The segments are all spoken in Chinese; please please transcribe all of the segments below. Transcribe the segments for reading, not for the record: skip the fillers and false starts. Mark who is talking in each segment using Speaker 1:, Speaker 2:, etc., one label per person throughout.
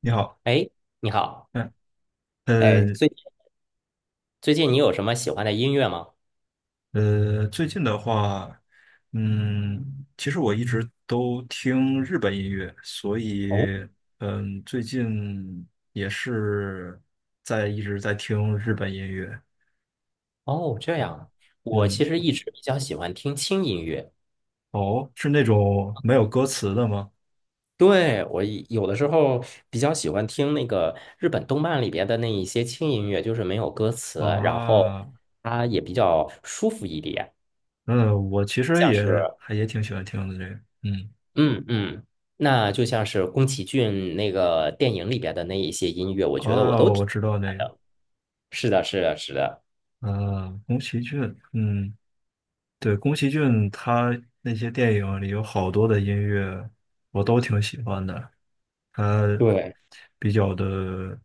Speaker 1: 你好。
Speaker 2: 哎，你好。
Speaker 1: 嗯，
Speaker 2: 哎，
Speaker 1: 呃
Speaker 2: 最近你有什么喜欢的音乐吗？
Speaker 1: 最近的话，其实我一直都听日本音乐，所
Speaker 2: 哦，
Speaker 1: 以，最近也是在一直在听日本音乐。
Speaker 2: 哦，这样，我其
Speaker 1: 嗯。
Speaker 2: 实一直比较喜欢听轻音乐。
Speaker 1: 哦，是那种没有歌词的吗？
Speaker 2: 对，我有的时候比较喜欢听那个日本动漫里边的那一些轻音乐，就是没有歌词，然后
Speaker 1: 啊，
Speaker 2: 它也比较舒服一点，
Speaker 1: 嗯，我其实
Speaker 2: 像
Speaker 1: 也
Speaker 2: 是，
Speaker 1: 还也挺喜欢听的这个。嗯，
Speaker 2: 嗯嗯，那就像是宫崎骏那个电影里边的那一些音乐，我觉得我都
Speaker 1: 哦，
Speaker 2: 挺
Speaker 1: 我
Speaker 2: 喜
Speaker 1: 知道
Speaker 2: 欢
Speaker 1: 那个。
Speaker 2: 的。是的，是的，是的，
Speaker 1: 啊，宫崎骏，嗯。对，宫崎骏他那些电影里有好多的音乐，我都挺喜欢的。他
Speaker 2: 对。
Speaker 1: 比较的，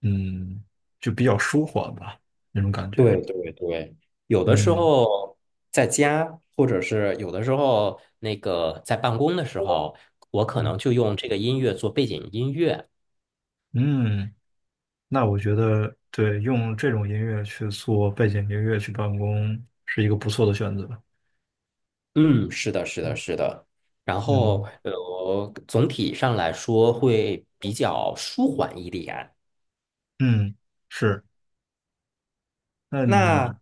Speaker 1: 嗯，就比较舒缓吧，那种感觉。
Speaker 2: 对对对，有的时
Speaker 1: 嗯
Speaker 2: 候在家，或者是有的时候那个在办公的时候，我可能
Speaker 1: 嗯
Speaker 2: 就用这个音乐做背景音乐。
Speaker 1: 嗯，那我觉得对，用这种音乐去做背景音乐去办公是一个不错的选择。
Speaker 2: 嗯，是的，是的，
Speaker 1: 嗯
Speaker 2: 是的。然后，
Speaker 1: 嗯，
Speaker 2: 总体上来说会比较舒缓一点。
Speaker 1: 嗯是。那你
Speaker 2: 那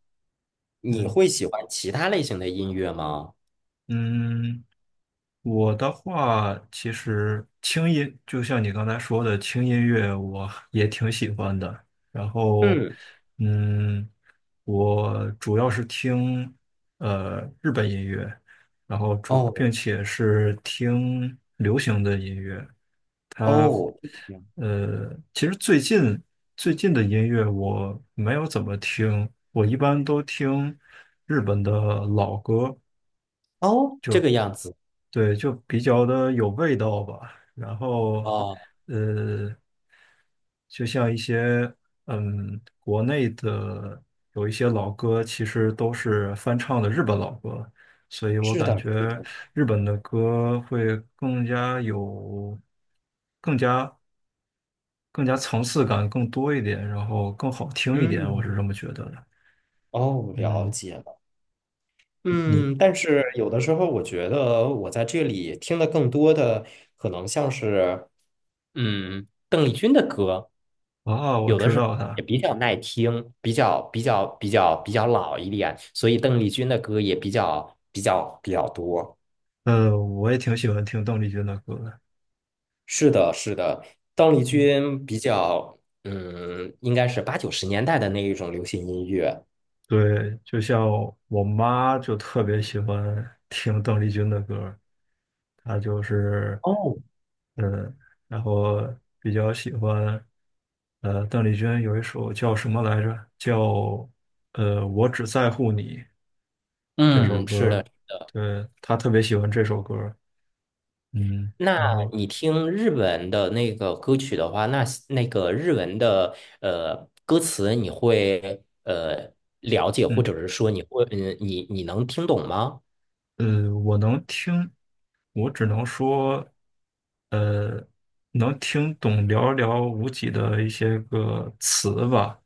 Speaker 2: 你
Speaker 1: 嗯
Speaker 2: 会喜欢其他类型的音乐吗？
Speaker 1: 嗯。我的话，其实轻音，就像你刚才说的，轻音乐我 也挺喜欢的。然后，
Speaker 2: 嗯，
Speaker 1: 嗯，我主要是听日本音乐，然后主
Speaker 2: 哦
Speaker 1: 并且是听流行的音乐。它
Speaker 2: 哦，这个样
Speaker 1: 其实最近的音乐我没有怎么听，我一般都听日本的老歌。
Speaker 2: 哦，这个样子
Speaker 1: 对，就比较的有味道吧。然后，
Speaker 2: 哦，
Speaker 1: 呃，就像一些国内的有一些老歌，其实都是翻唱的日本老歌，所以我
Speaker 2: 是
Speaker 1: 感
Speaker 2: 的，是
Speaker 1: 觉
Speaker 2: 的，
Speaker 1: 日本的歌会更加有、更加层次感更多一点，然后更好听一点，我是
Speaker 2: 嗯，
Speaker 1: 这么觉得的。
Speaker 2: 哦，了
Speaker 1: 嗯。
Speaker 2: 解了。
Speaker 1: 你
Speaker 2: 嗯，但是有的时候我觉得我在这里听的更多的可能像是，嗯，更
Speaker 1: 啊，我
Speaker 2: 有的
Speaker 1: 知
Speaker 2: 是
Speaker 1: 道
Speaker 2: 也
Speaker 1: 他。
Speaker 2: 比较耐听，比较老一点，所以邓丽君的歌也比较多。
Speaker 1: 我也挺喜欢听邓丽君的歌的。
Speaker 2: 是的，是的，邓丽
Speaker 1: 嗯，
Speaker 2: 君比较，嗯，应该是八九十年代的那一种流行音乐。
Speaker 1: 对，就像我妈就特别喜欢听邓丽君的歌儿，她就是，
Speaker 2: 哦，
Speaker 1: 嗯，然后比较喜欢。邓丽君有一首叫什么来着？叫我只在乎你，这首
Speaker 2: 嗯，
Speaker 1: 歌
Speaker 2: 是的。
Speaker 1: 儿。对，她特别喜欢这首歌儿。嗯，
Speaker 2: 那
Speaker 1: 然后
Speaker 2: 你听日文的那个歌曲的话，那个日文的歌词，你会了解，或
Speaker 1: 嗯
Speaker 2: 者是说你会嗯，你能听懂吗？
Speaker 1: 我能听，我只能说。呃，能听懂寥寥无几的一些个词吧。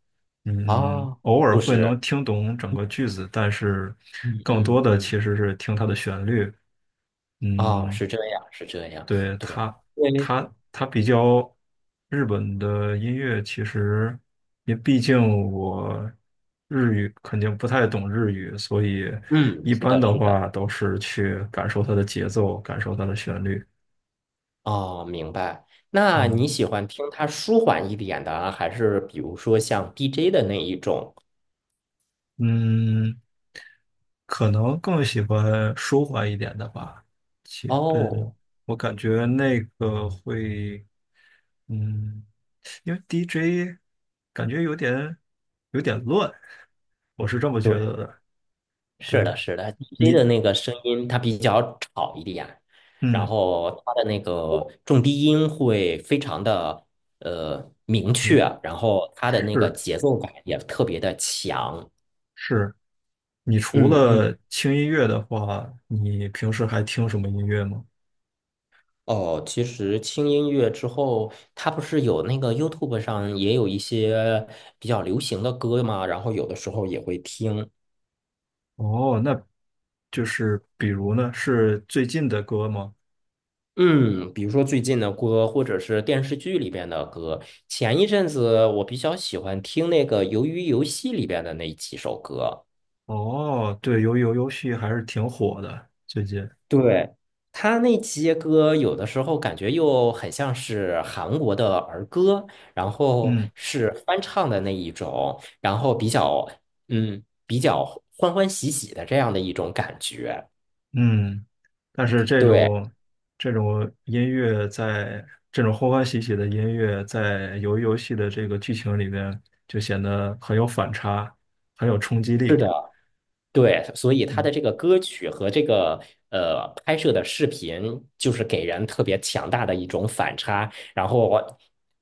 Speaker 1: 嗯，
Speaker 2: 啊，
Speaker 1: 偶尔
Speaker 2: 就
Speaker 1: 会
Speaker 2: 是
Speaker 1: 能听懂整个句子，但是
Speaker 2: 嗯
Speaker 1: 更多
Speaker 2: 嗯
Speaker 1: 的
Speaker 2: 嗯，
Speaker 1: 其实是听它的旋律。
Speaker 2: 哦，
Speaker 1: 嗯，
Speaker 2: 是这样，是这样，
Speaker 1: 对，
Speaker 2: 对，
Speaker 1: 它
Speaker 2: 对，
Speaker 1: 它它比较日本的音乐，其实因为毕竟我日语，肯定不太懂日语，所以
Speaker 2: 嗯，
Speaker 1: 一
Speaker 2: 是
Speaker 1: 般
Speaker 2: 的，
Speaker 1: 的
Speaker 2: 是的，
Speaker 1: 话都是去感受它的节奏，感受它的旋律。
Speaker 2: 哦，明白。那
Speaker 1: 嗯。
Speaker 2: 你喜欢听它舒缓一点的啊还是比如说像 DJ 的那一种？
Speaker 1: 嗯，可能更喜欢舒缓一点的吧。其嗯，
Speaker 2: 哦。
Speaker 1: 我感觉那个会，嗯，因为 DJ 感觉有点乱，我是这么觉
Speaker 2: 对。
Speaker 1: 得的。
Speaker 2: 是
Speaker 1: 对
Speaker 2: 的，是的，DJ
Speaker 1: 你，
Speaker 2: 的那个声音它比较吵一点，然
Speaker 1: 嗯
Speaker 2: 后它的那个重低音会非常的明确，
Speaker 1: 嗯，
Speaker 2: 然后它的那个
Speaker 1: 是
Speaker 2: 节奏感也特别的强。
Speaker 1: 是。你除
Speaker 2: 嗯嗯。
Speaker 1: 了轻音乐的话，你平时还听什么音乐吗？
Speaker 2: 哦，其实轻音乐之后，它不是有那个 YouTube 上也有一些比较流行的歌嘛，然后有的时候也会听。
Speaker 1: 哦，那就是比如呢，是最近的歌吗？
Speaker 2: 嗯，比如说最近的歌，或者是电视剧里边的歌。前一阵子我比较喜欢听那个《鱿鱼游戏》里边的那几首歌。
Speaker 1: 哦，对，鱿鱼游游戏还是挺火的，最近。
Speaker 2: 对，他那些歌有的时候感觉又很像是韩国的儿歌，然后
Speaker 1: 嗯
Speaker 2: 是翻唱的那一种，然后比较比较欢欢喜喜的这样的一种感觉。
Speaker 1: 嗯，但是
Speaker 2: 对。
Speaker 1: 这种音乐在这种欢欢喜喜的音乐在游鱼游戏的这个剧情里面就显得很有反差，很有冲击力。
Speaker 2: 对，所以他
Speaker 1: 嗯
Speaker 2: 的这个歌曲和这个拍摄的视频，就是给人特别强大的一种反差，然后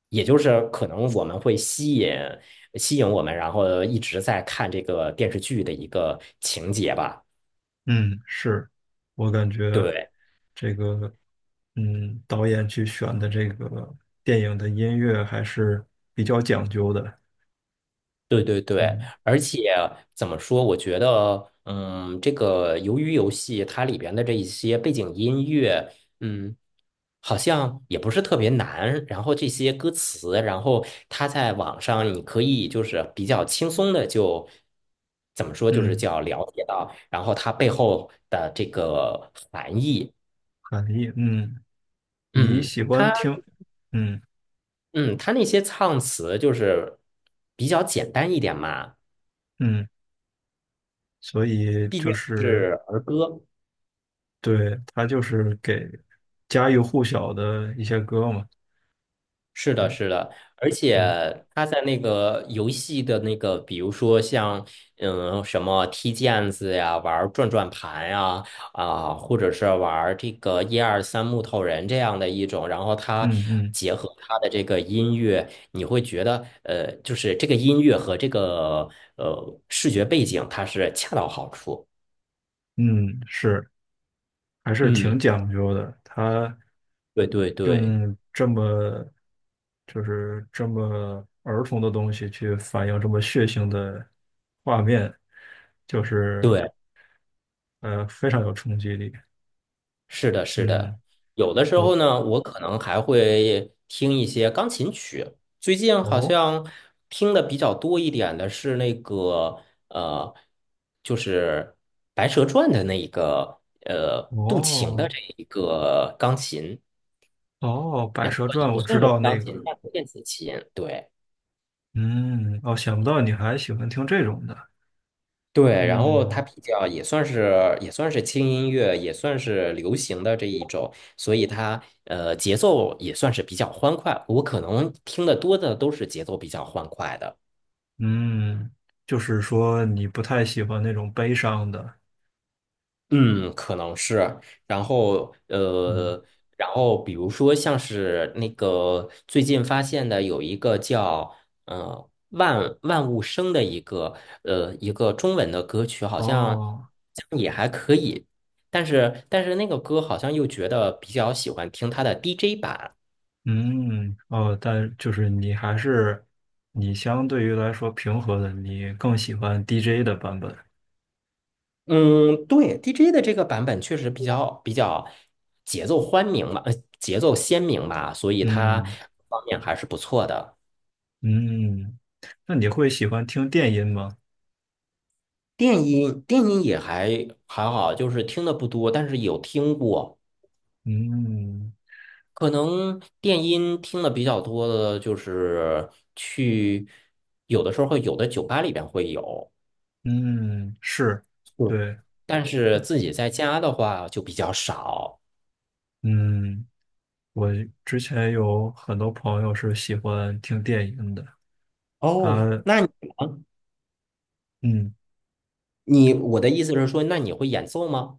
Speaker 2: 也就是可能我们会吸引我们，然后一直在看这个电视剧的一个情节吧。
Speaker 1: 嗯，是，我感觉
Speaker 2: 对，
Speaker 1: 这个导演去选的这个电影的音乐还是比较讲究的。
Speaker 2: 对对对，
Speaker 1: 嗯
Speaker 2: 而且怎么说？我觉得，嗯，这个鱿鱼游戏它里边的这一些背景音乐，嗯，好像也不是特别难。然后这些歌词，然后它在网上你可以就是比较轻松的就怎么说，就是
Speaker 1: 嗯，
Speaker 2: 叫了解到，然后它背后的这个含义。
Speaker 1: 含义嗯。你
Speaker 2: 嗯，
Speaker 1: 喜
Speaker 2: 它
Speaker 1: 欢听，嗯
Speaker 2: 嗯，它那些唱词就是比较简单一点嘛，
Speaker 1: 嗯，所以
Speaker 2: 毕
Speaker 1: 就
Speaker 2: 竟
Speaker 1: 是，
Speaker 2: 是儿歌。
Speaker 1: 对，他就是给家喻户晓的一些歌嘛。
Speaker 2: 是的，
Speaker 1: 对。
Speaker 2: 是的，而且
Speaker 1: 嗯
Speaker 2: 他在那个游戏的那个，比如说像什么踢毽子呀，玩转转盘呀，啊，或者是玩这个一二三木头人这样的一种，然后他
Speaker 1: 嗯嗯
Speaker 2: 结合他的这个音乐，你会觉得就是这个音乐和这个视觉背景，它是恰到好处。
Speaker 1: 嗯，是，还是挺
Speaker 2: 嗯，
Speaker 1: 讲究的。他
Speaker 2: 对对对
Speaker 1: 用这么，就是这么儿童的东西去反映这么血腥的画面，就是
Speaker 2: 对。
Speaker 1: 非常有冲击力。
Speaker 2: 是的，是
Speaker 1: 嗯。
Speaker 2: 的，有的时候
Speaker 1: 我，
Speaker 2: 呢，我可能还会听一些钢琴曲。最近好
Speaker 1: 哦
Speaker 2: 像听的比较多一点的是那个呃，就是《白蛇传》的那一个渡情的
Speaker 1: 哦。
Speaker 2: 这一个钢琴，
Speaker 1: 哦，《白
Speaker 2: 然后
Speaker 1: 蛇传》
Speaker 2: 也不
Speaker 1: 我知
Speaker 2: 算是
Speaker 1: 道
Speaker 2: 钢
Speaker 1: 那个。
Speaker 2: 琴，但是电子琴，对。
Speaker 1: 嗯，哦，想不到你还喜欢听这种的。
Speaker 2: 对，然后它
Speaker 1: 嗯
Speaker 2: 比较也算是也算是轻音乐，也算是流行的这一种，所以它节奏也算是比较欢快。我可能听得多的都是节奏比较欢快的。
Speaker 1: 嗯，就是说你不太喜欢那种悲伤的。
Speaker 2: 嗯，可能是。然后，
Speaker 1: 嗯，
Speaker 2: 然后比如说像是那个最近发现的有一个叫万万物生的一个一个中文的歌曲，好像
Speaker 1: 哦。
Speaker 2: 也还可以，但是那个歌好像又觉得比较喜欢听它的 DJ 版。
Speaker 1: 嗯哦，但就是你还是你相对于来说平和的，你更喜欢 DJ 的版本。
Speaker 2: 嗯，对，DJ 的这个版本确实比较节奏欢明吧，呃，节奏鲜明吧，所以它
Speaker 1: 嗯
Speaker 2: 方面还是不错的。
Speaker 1: 嗯，那你会喜欢听电音吗？
Speaker 2: 电音也还好，就是听的不多，但是有听过。
Speaker 1: 嗯
Speaker 2: 可能电音听的比较多的，就是去有的时候有的酒吧里边会有，
Speaker 1: 嗯，是，
Speaker 2: 嗯，
Speaker 1: 对，
Speaker 2: 但是自己在家的话就比较少。
Speaker 1: 嗯。我之前有很多朋友是喜欢听电音的。他
Speaker 2: 哦，那你呢
Speaker 1: 嗯。
Speaker 2: 我的意思是说，那你会演奏吗？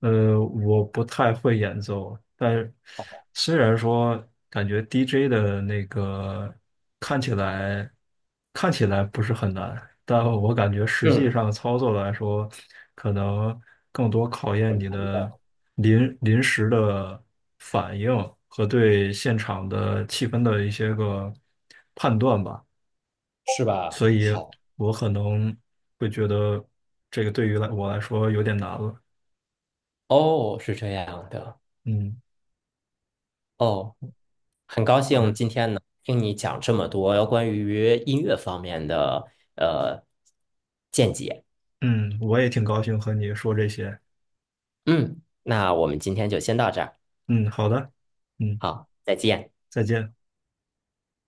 Speaker 1: 我不太会演奏，但虽然说感觉 DJ 的那个看起来看起来不是很难，但我感觉实际
Speaker 2: 嗯，
Speaker 1: 上操作来说，可能更多考验你的临时的反应和对现场的气氛的一些个判断吧。
Speaker 2: 是吧？
Speaker 1: 所以
Speaker 2: 好，
Speaker 1: 我可能会觉得这个对于我来说有点难了。
Speaker 2: 哦，是这样的。
Speaker 1: 嗯，
Speaker 2: 哦。很高
Speaker 1: 好
Speaker 2: 兴
Speaker 1: 的。
Speaker 2: 今天能听你讲这么多关于音乐方面的呃见解。
Speaker 1: 嗯，我也挺高兴和你说这些。
Speaker 2: 嗯，那我们今天就先到这儿，
Speaker 1: 嗯，好的。嗯，
Speaker 2: 好，再见。
Speaker 1: 再见。